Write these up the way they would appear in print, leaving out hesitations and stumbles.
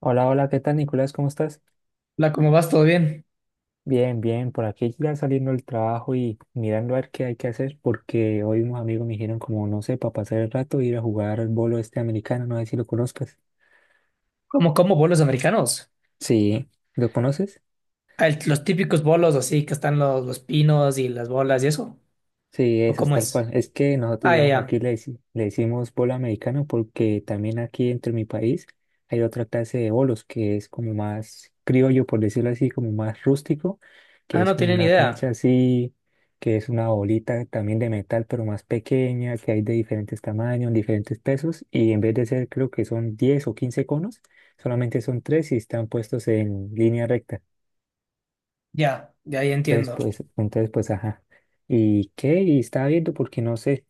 Hola, hola, ¿qué tal, Nicolás? ¿Cómo estás? La, ¿cómo vas? ¿Todo bien? Bien, bien, por aquí ya saliendo del trabajo y mirando a ver qué hay que hacer porque hoy unos amigos me dijeron como, no sé, para pasar el rato ir a jugar al bolo este americano, no sé si lo conozcas. ¿Cómo como bolos americanos? Sí, ¿lo conoces? Los típicos bolos así que están los pinos y las bolas y eso. Sí, ¿O eso es cómo tal es? cual. Es que nosotros, Ah, ya, digamos, aquí ya. le, le decimos bolo americano porque también aquí entre mi país hay otra clase de bolos que es como más criollo, por decirlo así, como más rústico, que Ah, es no como tienen una idea. cancha así, que es una bolita también de metal, pero más pequeña, que hay de diferentes tamaños, diferentes pesos, y en vez de ser, creo que son 10 o 15 conos, solamente son 3 y están puestos en línea recta. Ya, ya, ya entiendo. Entonces, pues, ajá. ¿Y qué? Y estaba viendo porque no sé.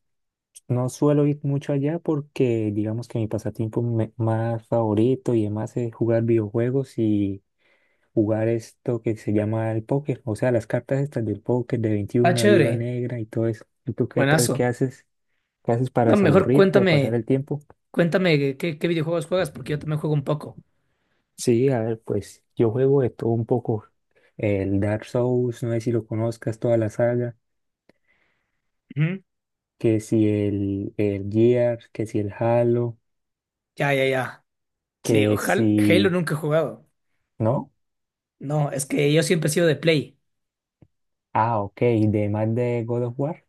No suelo ir mucho allá porque digamos que mi pasatiempo más favorito y demás es jugar videojuegos y jugar esto que se llama el póker, o sea, las cartas estas del póker de Ah, 21, viva chévere. negra y todo eso. ¿Y tú qué tal? ¿Qué Buenazo. haces? ¿Qué haces para No, mejor desaburrirte o pasar cuéntame, el tiempo? cuéntame qué videojuegos juegas porque yo también juego un poco. Sí, a ver, pues yo juego de todo un poco. El Dark Souls, no sé si lo conozcas, toda la saga, Ujú. que si el, el Gears, que si el Halo, Ya, ya, ya. Sí, que ojalá Halo si... nunca he jugado. ¿No? No, es que yo siempre he sido de Play. Ah, ok, de más de God of War.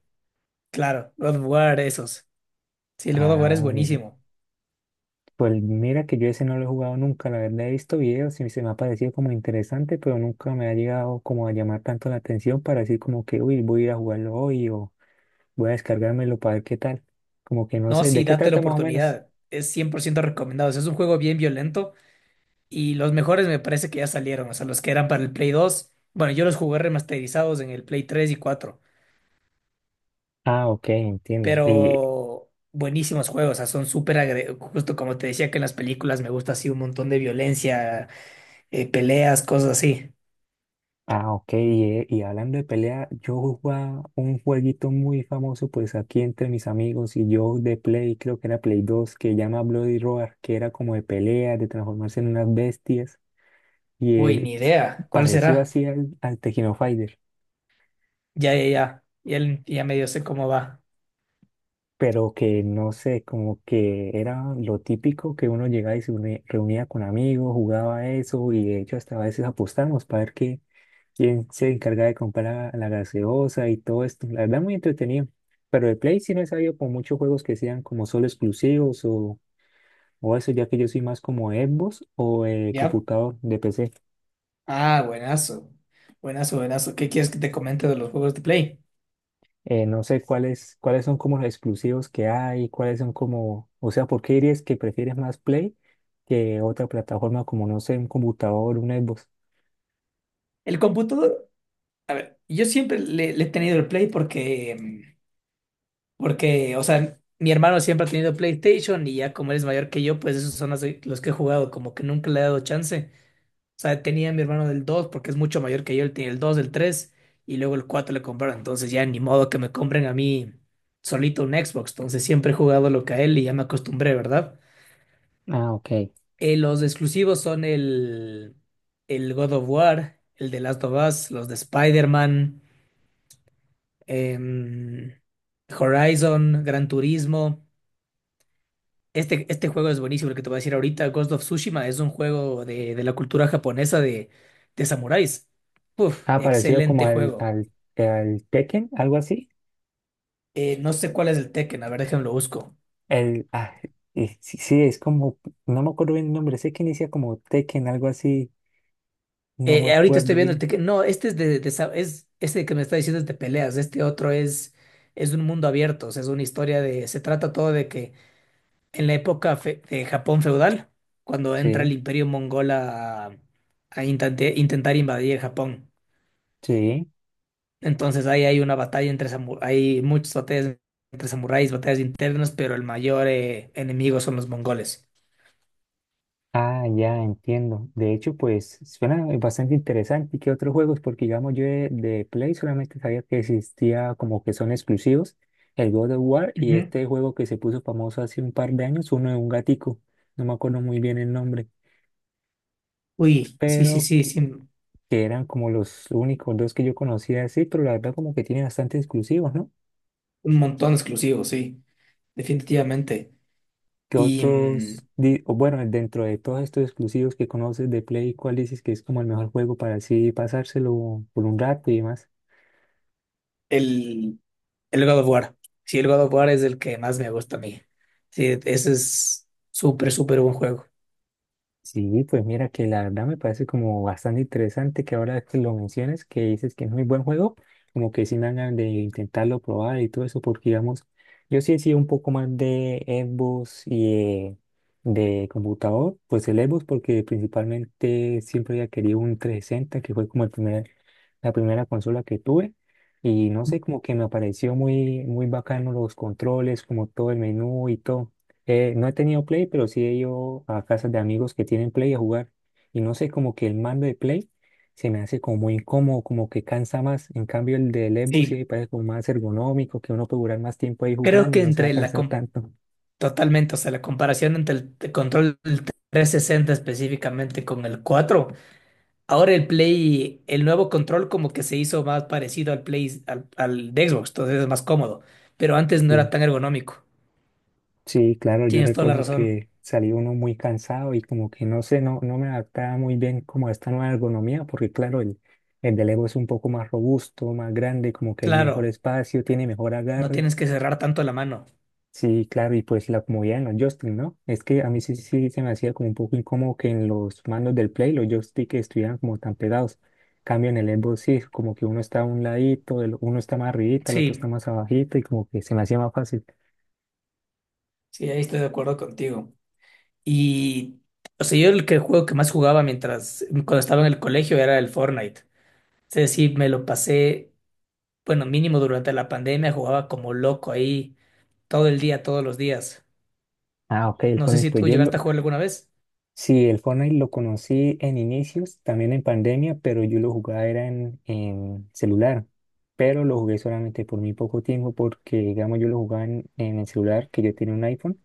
Claro, God of War, esos. Sí, el God of War Ah, es mira. buenísimo. Pues mira que yo ese no lo he jugado nunca, la verdad he visto videos y se me ha parecido como interesante, pero nunca me ha llegado como a llamar tanto la atención para decir como que, uy, voy a ir a jugarlo hoy o voy a descargármelo para ver qué tal. Como que no No, sé, ¿de sí, qué date la trata más o menos? oportunidad. Es 100% recomendado. O sea, es un juego bien violento y los mejores me parece que ya salieron. O sea, los que eran para el Play 2. Bueno, yo los jugué remasterizados en el Play 3 y cuatro, Ah, ok, entiendo. ¿Y pero buenísimos juegos. O sea, justo como te decía que en las películas me gusta así un montón de violencia, peleas, cosas así. ah, ok. Y hablando de pelea, yo jugaba un jueguito muy famoso, pues aquí entre mis amigos y yo de Play, creo que era Play 2, que llama Bloody Roar, que era como de pelea, de transformarse en unas bestias, y Uy, ni idea. ¿Cuál parecido será? así al, al Tekken Fighter, Ya, ya, ya. Ya medio sé cómo va. pero que no sé, como que era lo típico que uno llegaba y reunía con amigos, jugaba eso, y de hecho hasta a veces apostamos para ver qué quién se encarga de comprar la, gaseosa y todo esto. La verdad, muy entretenido. Pero de Play sí no he sabido con muchos juegos que sean como solo exclusivos o eso, ya que yo soy más como Xbox o ¿Ya? computador de PC. Ah, buenazo. Buenazo, buenazo. ¿Qué quieres que te comente de los juegos de Play? No sé cuáles, cuáles son como los exclusivos que hay, cuáles son como, o sea, ¿por qué dirías que prefieres más Play que otra plataforma como, no sé, un computador, un Xbox? El computador. Yo siempre le he tenido el Play porque, porque, o sea, mi hermano siempre ha tenido PlayStation y ya como él es mayor que yo, pues esos son los que he jugado, como que nunca le he dado chance. O sea, tenía a mi hermano del 2 porque es mucho mayor que yo, él tiene el dos, el 3 y luego el 4 le compraron. Entonces ya ni modo que me compren a mí solito un Xbox. Entonces siempre he jugado lo que a él y ya me acostumbré, ¿verdad? Ah, ok. Los exclusivos son el God of War, el de Last of Us, los de Spider-Man, em, Horizon, Gran Turismo. Este juego es buenísimo, el que te voy a decir ahorita, Ghost of Tsushima, es un juego de la cultura japonesa de samuráis. Uf, Ah, parecido como excelente al, juego. al, al Tekken, algo así. No sé cuál es el Tekken, a ver, déjame lo busco. El, ah, y sí, sí, es como, no me acuerdo bien el nombre, sé que inicia como Tekken, algo así, no me Ahorita estoy acuerdo viendo el bien. Tekken. No, este es de este que me está diciendo es de peleas, este otro es un mundo abierto, o sea, es una historia de, se trata todo de que en de Japón feudal, cuando entra el Sí, Imperio mongol a, intentar invadir Japón. sí. Entonces ahí hay una batalla entre samuráis, hay muchas batallas entre samuráis, batallas internas, pero el mayor enemigo son los mongoles. Ah, ya entiendo. De hecho, pues suena bastante interesante. ¿Y qué otros juegos? Porque digamos, yo de Play solamente sabía que existía como que son exclusivos, el God of War y Ujú. este juego que se puso famoso hace un par de años, uno de un gatico, no me acuerdo muy bien el nombre Uy, sí, sí, pero sí, sí, un que eran como los únicos dos que yo conocía así, pero la verdad como que tiene bastante exclusivos, ¿no? montón exclusivo, sí, definitivamente. ¿Qué Y otros, o bueno, dentro de todos estos exclusivos que conoces de Play, cuál dices que es como el mejor juego para así pasárselo por un rato y demás? el, el God of War, sí, el God of War es el que más me gusta a mí. Sí, ese es súper, súper buen juego. Sí, pues mira que la verdad me parece como bastante interesante que ahora que lo menciones, que dices que es muy buen juego, como que sí me dan ganas de intentarlo probar y todo eso, porque digamos, yo sí he sido un poco más de Xbox y de computador, pues el Xbox porque principalmente siempre había querido un 360, que fue como el primer, la primera consola que tuve, y no sé, como que me pareció muy, muy bacano los controles, como todo el menú y todo. No he tenido Play, pero sí he ido a casas de amigos que tienen Play a jugar. Y no sé, como que el mando de Play se me hace como muy incómodo, como que cansa más. En cambio, el del Evo sí me Sí. parece como más ergonómico, que uno puede durar más tiempo ahí Creo jugando y que no se va a entre la cansar com- tanto. totalmente, o sea, la comparación entre control del 360 específicamente con el 4. Ahora el Play, el nuevo control como que se hizo más parecido al Play, al de Xbox, entonces es más cómodo, pero antes no Sí, era tan ergonómico. sí, claro, yo Tienes toda la recuerdo razón. que salí uno muy cansado y como que no sé, no, no me adaptaba muy bien como a esta nueva ergonomía, porque claro, el del Evo es un poco más robusto, más grande, como que hay mejor Claro, espacio, tiene mejor no agarre. tienes que cerrar tanto la mano. Sí, claro, y pues la comodidad en los joystick, ¿no? Es que a mí sí, sí se me hacía como un poco incómodo que en los mandos del Play los joystick estuvieran como tan pegados. Cambio en el Xbox sí, como que uno está a un ladito, uno está más arribita, el otro está Sí, más abajito y como que se me hacía más fácil. sí, ahí estoy de acuerdo contigo. Y, o sea, yo el que juego que más jugaba mientras, cuando estaba en el colegio era el Fortnite. Es decir, me lo pasé bueno, mínimo durante la pandemia jugaba como loco ahí todo el día, todos los días. Ah, ok, el No sé Fortnite, si pues tú yo lo... llegaste a jugar alguna vez. Sí, el Fortnite lo conocí en inicios, también en pandemia, pero yo lo jugaba era en celular. Pero lo jugué solamente por muy poco tiempo porque, digamos, yo lo jugaba en el celular, que yo tenía un iPhone.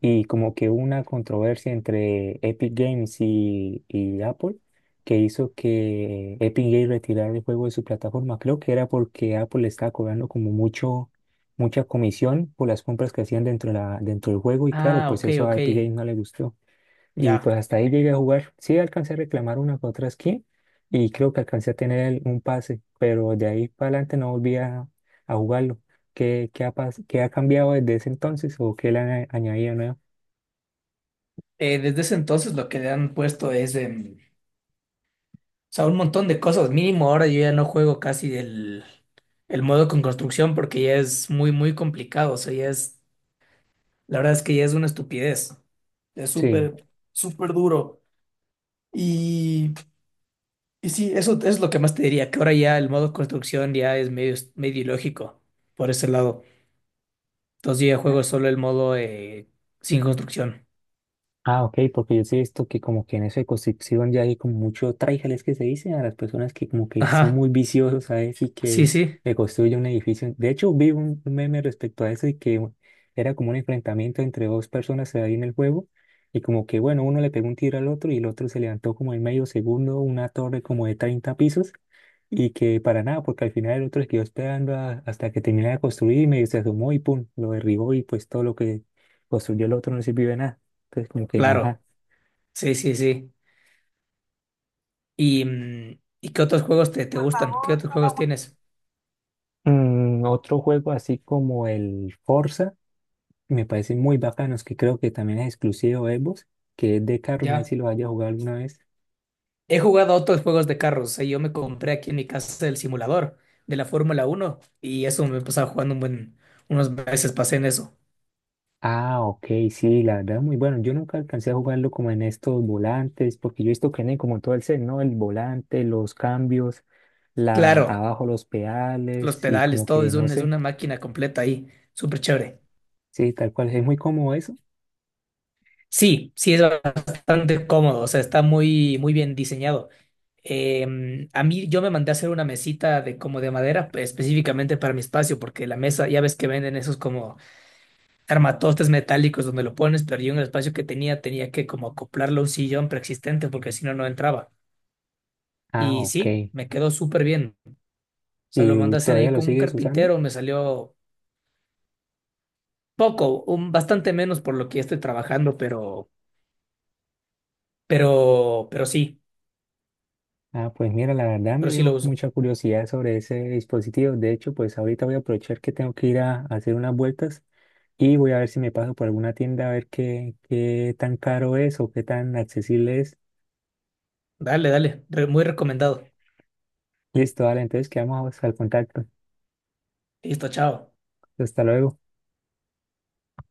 Y como que hubo una controversia entre Epic Games y Apple que hizo que Epic Games retirara el juego de su plataforma. Creo que era porque Apple le estaba cobrando como mucho, mucha comisión por las compras que hacían dentro, de la, dentro del juego y claro, Ah, pues ok, eso a ok, Epic Games no le gustó. Y pues ya. hasta ahí llegué a jugar. Sí, alcancé a reclamar una que otra skin y creo que alcancé a tener un pase, pero de ahí para adelante no volví a jugarlo. ¿Qué, qué ha, qué ha cambiado desde ese entonces o qué le han añadido nuevo? Desde ese entonces lo que le han puesto es, o sea, un montón de cosas. Mínimo ahora yo ya no juego casi el modo con construcción porque ya es muy, muy complicado. O sea, la verdad es que ya es una estupidez. Es Sí. súper, súper duro. Y Y sí, eso es lo que más te diría, que ahora ya el modo construcción ya es medio, medio ilógico por ese lado. Entonces yo ya juego solo el modo sin construcción. Ah, ok, porque yo sí he visto que como que en esa circunscripción ya hay como mucho tráileres que se dice a las personas que como que son muy Ajá, viciosos, ¿sabes? Y sí, que sí, le construyen un edificio. De hecho, vi un meme respecto a eso y que era como un enfrentamiento entre dos personas ahí en el juego y como que, bueno, uno le pegó un tiro al otro y el otro se levantó como en medio segundo una torre como de 30 pisos y que para nada, porque al final el otro se quedó esperando hasta que terminara de construir y medio se asomó y pum, lo derribó y pues todo lo que construyó el otro no sirvió de nada. Entonces, como que, claro, ajá. sí, sí, sí. ¿Y, ¿y qué otros juegos te, te gustan? ¿Qué otros juegos tienes? Mm, otro juego así como el Forza, que me parece muy bacano es que creo que también es exclusivo de Xbox, que es de carro, no sé si Ya. lo haya jugado alguna vez. He jugado a otros juegos de carros, o sea, yo me compré aquí en mi casa el simulador de la Fórmula uno y eso me pasaba jugando un buen, unos meses pasé en eso. Ah, ok, sí, la verdad, muy bueno. Yo nunca alcancé a jugarlo como en estos volantes, porque yo he visto que tiene como todo el set, ¿no? El volante, los cambios, la, Claro, abajo los los pedales y pedales, como todo que, es no es sé, una máquina completa ahí, súper chévere. sí, tal cual, es muy cómodo eso. Sí, sí es bastante cómodo, o sea, está muy, muy bien diseñado. A mí yo me mandé a hacer una mesita de como de madera pues, específicamente para mi espacio, porque la mesa, ya ves que venden esos como armatostes metálicos donde lo pones, pero yo en el espacio que tenía tenía que como acoplarlo a un sillón preexistente porque si no, no entraba. Ah, Y sí, ok. me quedó súper bien. O sea, lo ¿Y mandé a hacer ahí todavía lo con un sigues usando? carpintero, me salió poco, bastante menos por lo que estoy trabajando, pero, pero sí, Ah, pues mira, la verdad me pero sí lo dio uso. mucha curiosidad sobre ese dispositivo. De hecho, pues ahorita voy a aprovechar que tengo que ir a hacer unas vueltas y voy a ver si me paso por alguna tienda a ver qué, qué tan caro es o qué tan accesible es. Dale, dale, muy recomendado. Listo, vale, entonces quedamos al contacto. Listo, chao. Hasta luego.